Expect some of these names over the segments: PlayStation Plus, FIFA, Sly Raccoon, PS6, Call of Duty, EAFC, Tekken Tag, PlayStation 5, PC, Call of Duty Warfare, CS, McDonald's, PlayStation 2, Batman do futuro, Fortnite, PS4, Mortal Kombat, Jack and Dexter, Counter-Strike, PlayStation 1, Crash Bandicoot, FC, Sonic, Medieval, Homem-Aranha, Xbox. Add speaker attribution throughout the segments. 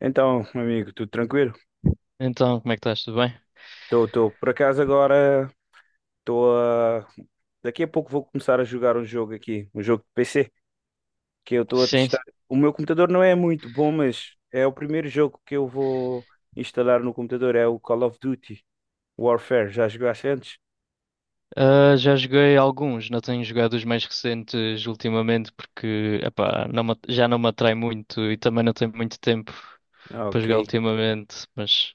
Speaker 1: Então, meu amigo, tudo tranquilo?
Speaker 2: Então, como é que estás? Tudo bem?
Speaker 1: Estou, tô, tô. Por acaso agora estou a... daqui a pouco vou começar a jogar um jogo aqui, um jogo de PC, que eu estou a
Speaker 2: Sim.
Speaker 1: testar. O meu computador não é muito bom, mas é o primeiro jogo que eu vou instalar no computador, é o Call of Duty Warfare. Já jogaste antes?
Speaker 2: Já joguei alguns, não tenho jogado os mais recentes ultimamente porque epá, já não me atrai muito e também não tenho muito tempo
Speaker 1: Ah,
Speaker 2: para jogar
Speaker 1: ok.
Speaker 2: ultimamente, mas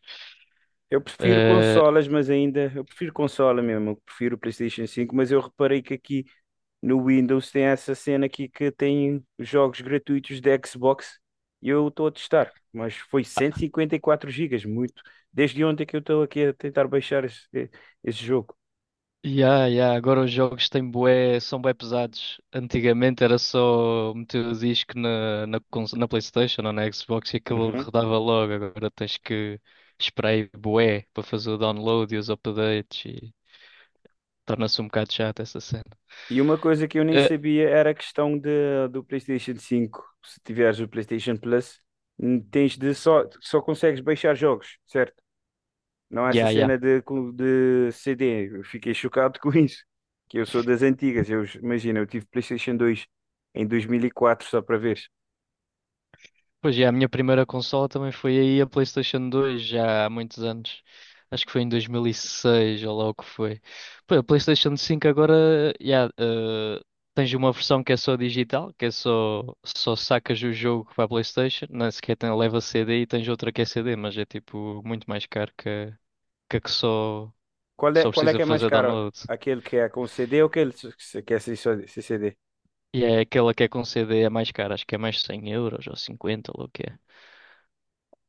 Speaker 1: Eu prefiro
Speaker 2: ah,
Speaker 1: consolas, mas eu prefiro consola mesmo, eu prefiro o PlayStation 5, mas eu reparei que aqui no Windows tem essa cena aqui que tem jogos gratuitos de Xbox e eu estou a testar, mas foi 154 gigas muito. Desde ontem que eu estou aqui a tentar baixar esse jogo.
Speaker 2: yeah, yeah, agora os jogos são bué pesados. Antigamente era só meter o disco na PlayStation ou na Xbox e aquilo
Speaker 1: Uhum.
Speaker 2: rodava logo, agora tens que esperar aí bué para fazer o download e os updates e torna-se um bocado chato essa cena.
Speaker 1: E uma coisa que eu nem sabia era a questão do PlayStation 5. Se tiveres o PlayStation Plus, tens de só consegues baixar jogos, certo? Não, essa
Speaker 2: Yeah, yeah.
Speaker 1: cena de CD, eu fiquei chocado com isso. Que eu sou das antigas, eu imagina, eu tive PlayStation 2 em 2004 só para ver.
Speaker 2: Pois, yeah, a minha primeira consola também foi aí a PlayStation 2, já há muitos anos. Acho que foi em 2006 ou lá o que foi. Pô, a PlayStation 5 agora, yeah, tens uma versão que é só, digital, que é só sacas o jogo para a PlayStation, não é sequer tem, leva CD e tens outra que é CD, mas é tipo muito mais caro que a que só,
Speaker 1: Qual é,
Speaker 2: só
Speaker 1: qual é que
Speaker 2: precisa
Speaker 1: é mais
Speaker 2: fazer
Speaker 1: caro?
Speaker 2: download.
Speaker 1: Aquele que é com CD ou aquele que é sem sem CD?
Speaker 2: E é aquela que é com CD é mais cara, acho que é mais 100€ ou 50 ou lá o que é.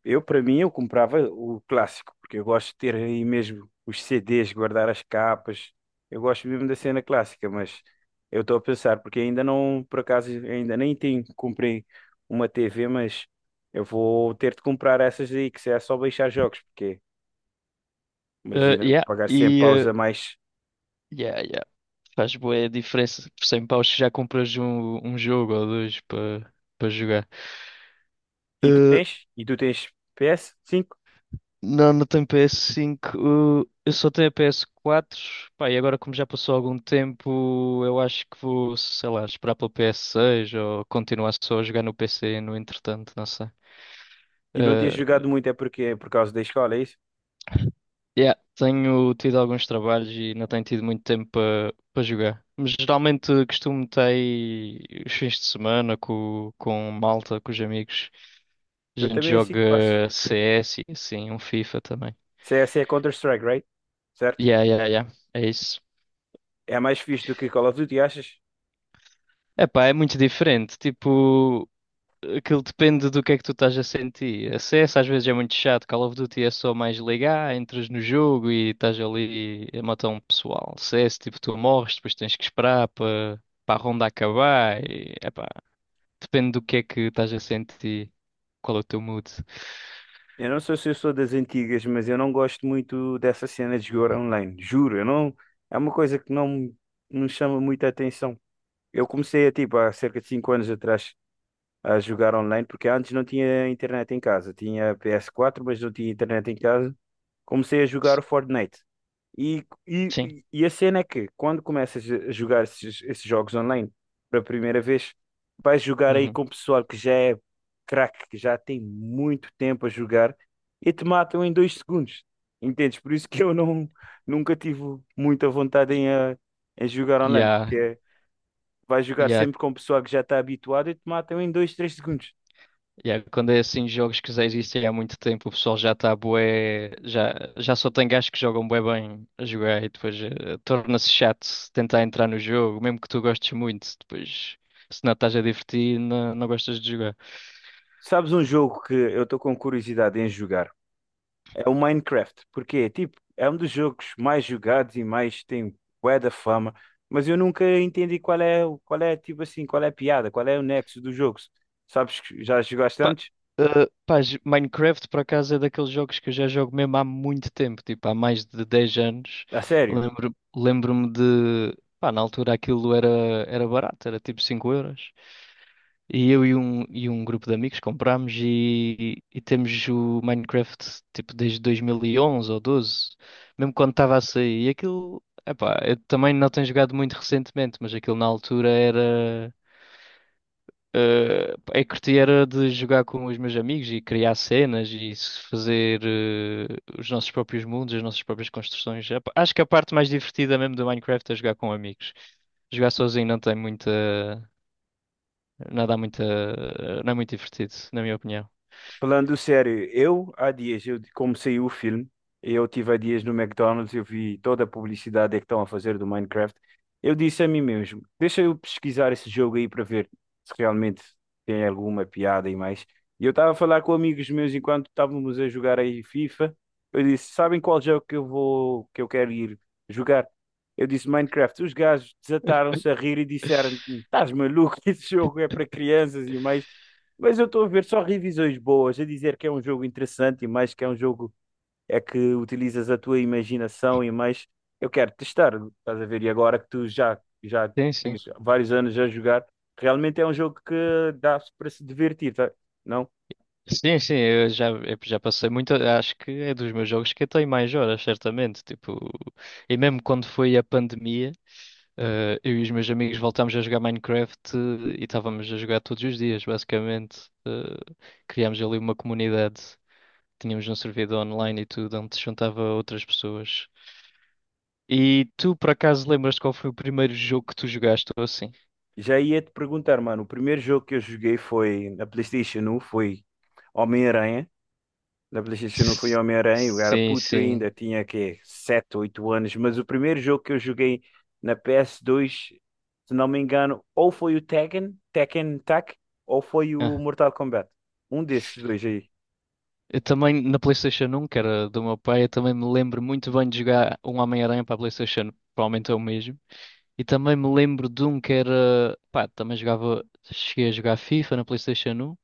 Speaker 1: Eu, para mim, eu comprava o clássico, porque eu gosto de ter aí mesmo os CDs, guardar as capas. Eu gosto mesmo da cena clássica, mas eu estou a pensar, porque ainda não, por acaso, ainda nem tenho, comprei uma TV, mas eu vou ter de comprar essas aí, que se é só baixar jogos, porque
Speaker 2: Eh,
Speaker 1: imagina
Speaker 2: yeah,
Speaker 1: pagar 100 paus a mais.
Speaker 2: yeah, yeah. Faz bué diferença por 100 paus que já compras um, jogo ou dois para jogar.
Speaker 1: E tu
Speaker 2: Eh,
Speaker 1: tens? E tu tens ps cinco?
Speaker 2: não, não tenho PS5. Eu só tenho a PS4. Pá, e agora como já passou algum tempo, eu acho que vou, sei lá, esperar pelo PS6 ou continuar só a jogar no PC no entretanto, não sei.
Speaker 1: E não tens
Speaker 2: Eh,
Speaker 1: jogado muito, é porque é por causa da escola, é isso?
Speaker 2: yeah, tenho tido alguns trabalhos e não tenho tido muito tempo para jogar. Mas geralmente costumo ter os fins de semana com malta, com os amigos. A
Speaker 1: Eu
Speaker 2: gente
Speaker 1: também é assim que faço.
Speaker 2: joga CS e assim, um FIFA também.
Speaker 1: CS é Counter-Strike, right? Certo?
Speaker 2: Yeah, yeah, yeah. É isso.
Speaker 1: É mais fixe do que Call of Duty, achas?
Speaker 2: Epá, é muito diferente. Tipo, aquilo depende do que é que tu estás a sentir. A CS às vezes é muito chato. Call of Duty é só mais ligar, entras no jogo e estás ali a matar um pessoal. CS, tipo, tu morres, depois tens que esperar para a ronda acabar. E, epá, depende do que é que estás a sentir. Qual é o teu mood?
Speaker 1: Eu não sei se eu sou das antigas, mas eu não gosto muito dessa cena de jogar online. Juro, eu não. É uma coisa que não chama muita atenção. Eu comecei a, tipo, há cerca de 5 anos atrás a jogar online, porque antes não tinha internet em casa. Tinha PS4, mas não tinha internet em casa. Comecei a jogar o Fortnite. E, e,
Speaker 2: Sim.
Speaker 1: e a cena é que quando começas a jogar esses jogos online pela primeira vez, vais jogar aí
Speaker 2: Uhum.
Speaker 1: com o pessoal que já é craque, que já tem muito tempo a jogar e te matam em 2 segundos. Entendes? Por isso que eu não, nunca tive muita vontade em, em jogar
Speaker 2: e
Speaker 1: online,
Speaker 2: yeah.
Speaker 1: porque vais jogar sempre com o pessoal que já está habituado e te matam em 2, 3 segundos.
Speaker 2: Yeah, quando é assim jogos que já existem há muito tempo, o pessoal já está bué, já só tem gajos que jogam bué bem a jogar e depois torna-se chato tentar entrar no jogo, mesmo que tu gostes muito, depois se não estás a divertir, não, não gostas de jogar.
Speaker 1: Sabes um jogo que eu estou com curiosidade em jogar? É o Minecraft, porque tipo, é um dos jogos mais jogados e mais tem bué da fama, mas eu nunca entendi qual é tipo assim, qual é a piada, qual é o nexo do jogo. Sabes que já jogaste
Speaker 2: Pá,
Speaker 1: antes?
Speaker 2: Minecraft por acaso é daqueles jogos que eu já jogo mesmo há muito tempo, tipo há mais de 10 anos.
Speaker 1: A sério?
Speaker 2: Lembro-me de, pá, na altura aquilo era barato, era tipo 5€. E eu e um grupo de amigos comprámos e temos o Minecraft tipo desde 2011 ou 12, mesmo quando estava a sair. E aquilo, epá, eu também não tenho jogado muito recentemente, mas aquilo na altura era. eh, a curti era de jogar com os meus amigos e criar cenas e se fazer os nossos próprios mundos, as nossas próprias construções. Epá, acho que a parte mais divertida mesmo do Minecraft é jogar com amigos. Jogar sozinho não tem muita. Não dá muita, não é muito divertido, na minha opinião.
Speaker 1: Falando sério, eu há dias, eu, como saiu o filme, eu tive há dias no McDonald's, eu vi toda a publicidade é que estão a fazer do Minecraft. Eu disse a mim mesmo, deixa eu pesquisar esse jogo aí para ver se realmente tem alguma piada e mais. E eu estava a falar com amigos meus enquanto estávamos a jogar aí FIFA. Eu disse, sabem qual jogo que eu quero ir jogar? Eu disse Minecraft. Os gajos desataram-se a rir e disseram, estás maluco, esse jogo é para crianças e mais. Mas eu estou a ver só revisões boas, a dizer que é um jogo interessante e mais, que é um jogo é que utilizas a tua imaginação e mais, eu quero testar, estás a ver? E agora que tu já
Speaker 2: Sim, sim.
Speaker 1: tens vários anos a jogar, realmente é um jogo que dá para se divertir, tá? Não?
Speaker 2: Sim, sim, eu já passei muito. Acho que é dos meus jogos que eu tenho mais horas, certamente. Tipo, e mesmo quando foi a pandemia. Eu e os meus amigos voltámos a jogar Minecraft e estávamos a jogar todos os dias, basicamente. Criámos ali uma comunidade, tínhamos um servidor online e tudo, onde se juntava outras pessoas. E tu, por acaso, lembras-te qual foi o primeiro jogo que tu jogaste ou assim?
Speaker 1: Já ia te perguntar, mano, o primeiro jogo que eu joguei foi na PlayStation 1, foi Homem-Aranha. Na PlayStation 1 fui
Speaker 2: S-
Speaker 1: Homem-Aranha, eu era
Speaker 2: Sim,
Speaker 1: puto
Speaker 2: sim.
Speaker 1: ainda, tinha que 7 8 anos, mas o primeiro jogo que eu joguei na PS2, se não me engano, ou foi o Tekken, Tekken Tag, ou foi o
Speaker 2: Ah,
Speaker 1: Mortal Kombat. Um desses dois aí.
Speaker 2: eu também, na PlayStation 1, que era do meu pai, eu também me lembro muito bem de jogar um Homem-Aranha para a PlayStation, provavelmente é o mesmo. E também me lembro de um que era. Pá, também jogava. Cheguei a jogar FIFA na PlayStation 1.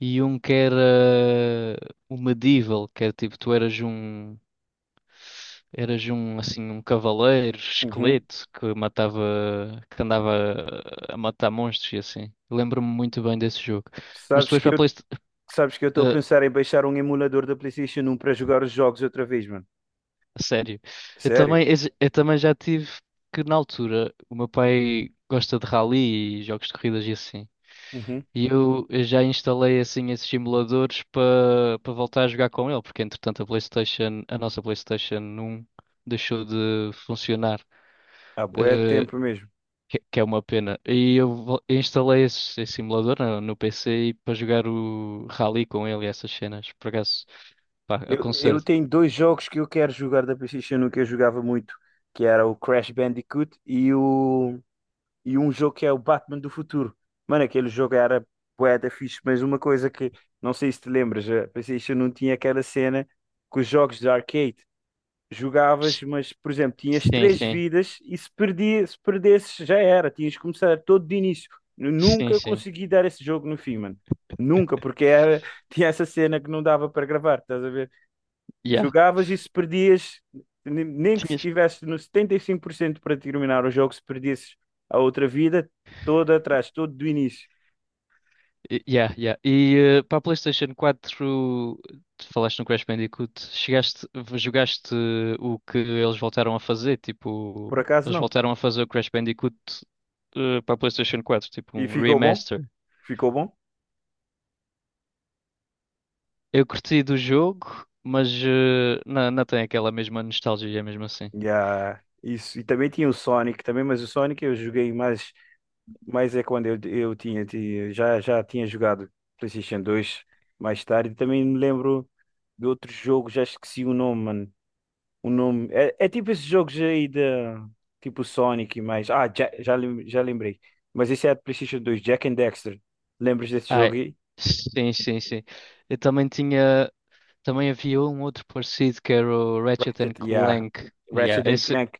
Speaker 2: E um que era. O Medieval, que era tipo, tu eras um. Eras um, assim, um cavaleiro,
Speaker 1: Uhum.
Speaker 2: esqueleto, que matava. Que andava a matar monstros e assim. Lembro-me muito bem desse jogo. Mas
Speaker 1: Sabes
Speaker 2: depois
Speaker 1: que
Speaker 2: para a
Speaker 1: eu,
Speaker 2: PlayStation.
Speaker 1: sabes que eu estou a pensar em baixar um emulador da PlayStation 1 para jogar os jogos outra vez, mano.
Speaker 2: Sério. Eu
Speaker 1: Sério?
Speaker 2: também, eu também já tive. Que na altura o meu pai gosta de rally e jogos de corridas e assim.
Speaker 1: Uhum.
Speaker 2: E eu já instalei assim esses simuladores para voltar a jogar com ele, porque entretanto a PlayStation, a nossa PlayStation 1 deixou de funcionar,
Speaker 1: Há bué de
Speaker 2: eh,
Speaker 1: tempo mesmo.
Speaker 2: que é uma pena. E eu instalei esse simulador no PC e para jogar o Rally com ele e essas cenas. Por acaso, pá,
Speaker 1: Eu,
Speaker 2: aconselho.
Speaker 1: eu tenho dois jogos que eu quero jogar da PlayStation 1 que eu jogava muito, que era o Crash Bandicoot e o e um jogo que é o Batman do futuro. Mano, aquele jogo era bué da fixe, mas uma coisa que não sei se te lembras, a PlayStation não tinha aquela cena que os jogos de arcade jogavas, mas por exemplo, tinhas
Speaker 2: Sim,
Speaker 1: três
Speaker 2: sim,
Speaker 1: vidas e se perdesses já era, tinhas que começar todo de início. Eu
Speaker 2: sim,
Speaker 1: nunca
Speaker 2: sim.
Speaker 1: consegui dar esse jogo no fim, mano. Nunca, porque era, tinha essa cena que não dava para gravar, estás a ver?
Speaker 2: Yeah.
Speaker 1: Jogavas e se perdias, nem que se estivesse no 75% para terminar o jogo, se perdesses a outra vida, toda atrás, todo do início.
Speaker 2: Yeah, yeah. E para a PlayStation 4, tu falaste no Crash Bandicoot, chegaste, jogaste o que eles voltaram a fazer,
Speaker 1: Por
Speaker 2: tipo,
Speaker 1: acaso
Speaker 2: eles
Speaker 1: não.
Speaker 2: voltaram a fazer o Crash Bandicoot para a PlayStation 4, tipo
Speaker 1: E
Speaker 2: um
Speaker 1: ficou bom?
Speaker 2: remaster.
Speaker 1: Ficou bom?
Speaker 2: Eu curti do jogo, mas não, não tem aquela mesma nostalgia mesmo assim.
Speaker 1: Yeah. Isso. E também tinha o Sonic também, mas o Sonic eu joguei mais, mais é quando eu, eu já tinha jogado PlayStation 2 mais tarde. Também me lembro de outro jogo, já esqueci o nome, mano. O nome. É tipo esses jogos aí de. Tipo Sonic e mais. Ah, já lembrei. Mas esse é de PlayStation 2, Jack and Dexter. Lembras desse jogo
Speaker 2: Ai,
Speaker 1: aí?
Speaker 2: sim, sim, sim. Eu também tinha, também havia um outro parecido que era o Ratchet and
Speaker 1: Ratchet, yeah.
Speaker 2: Clank.
Speaker 1: Ratchet
Speaker 2: Yeah,
Speaker 1: and
Speaker 2: esse,
Speaker 1: Clank.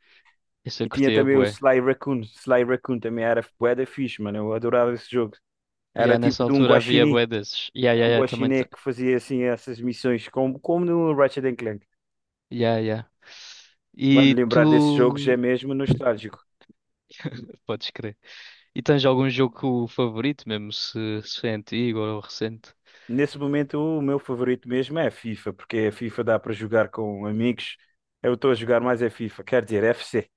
Speaker 2: esse eu
Speaker 1: E tinha
Speaker 2: curtia.
Speaker 1: também o Sly Raccoon. Sly Raccoon também era bué da fixe, mano. Eu adorava esse jogo. Era
Speaker 2: Yeah, nessa
Speaker 1: tipo de um
Speaker 2: altura havia
Speaker 1: guaxinim.
Speaker 2: bué desses. Yeah, yeah,
Speaker 1: Um
Speaker 2: yeah, também.
Speaker 1: guaxiné que fazia assim essas missões, como no Ratchet and Clank.
Speaker 2: Yeah, yeah.
Speaker 1: Mano,
Speaker 2: E
Speaker 1: lembrar desses jogos é
Speaker 2: tu.
Speaker 1: mesmo nostálgico.
Speaker 2: Podes crer. E tens algum jogo favorito, mesmo se, é antigo ou recente?
Speaker 1: Nesse momento, o meu favorito mesmo é a FIFA, porque a FIFA dá para jogar com amigos. Eu estou a jogar mais a FIFA, quer dizer, FC.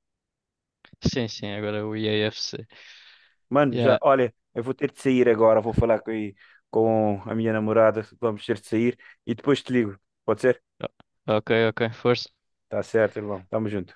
Speaker 2: Sim, sim, agora é o EAFC.
Speaker 1: Mano, já,
Speaker 2: Yeah,
Speaker 1: olha, eu vou ter de sair agora, vou falar com a minha namorada, vamos ter de sair e depois te ligo. Pode ser?
Speaker 2: ok, ok, força.
Speaker 1: Tá certo, irmão. Tamo junto.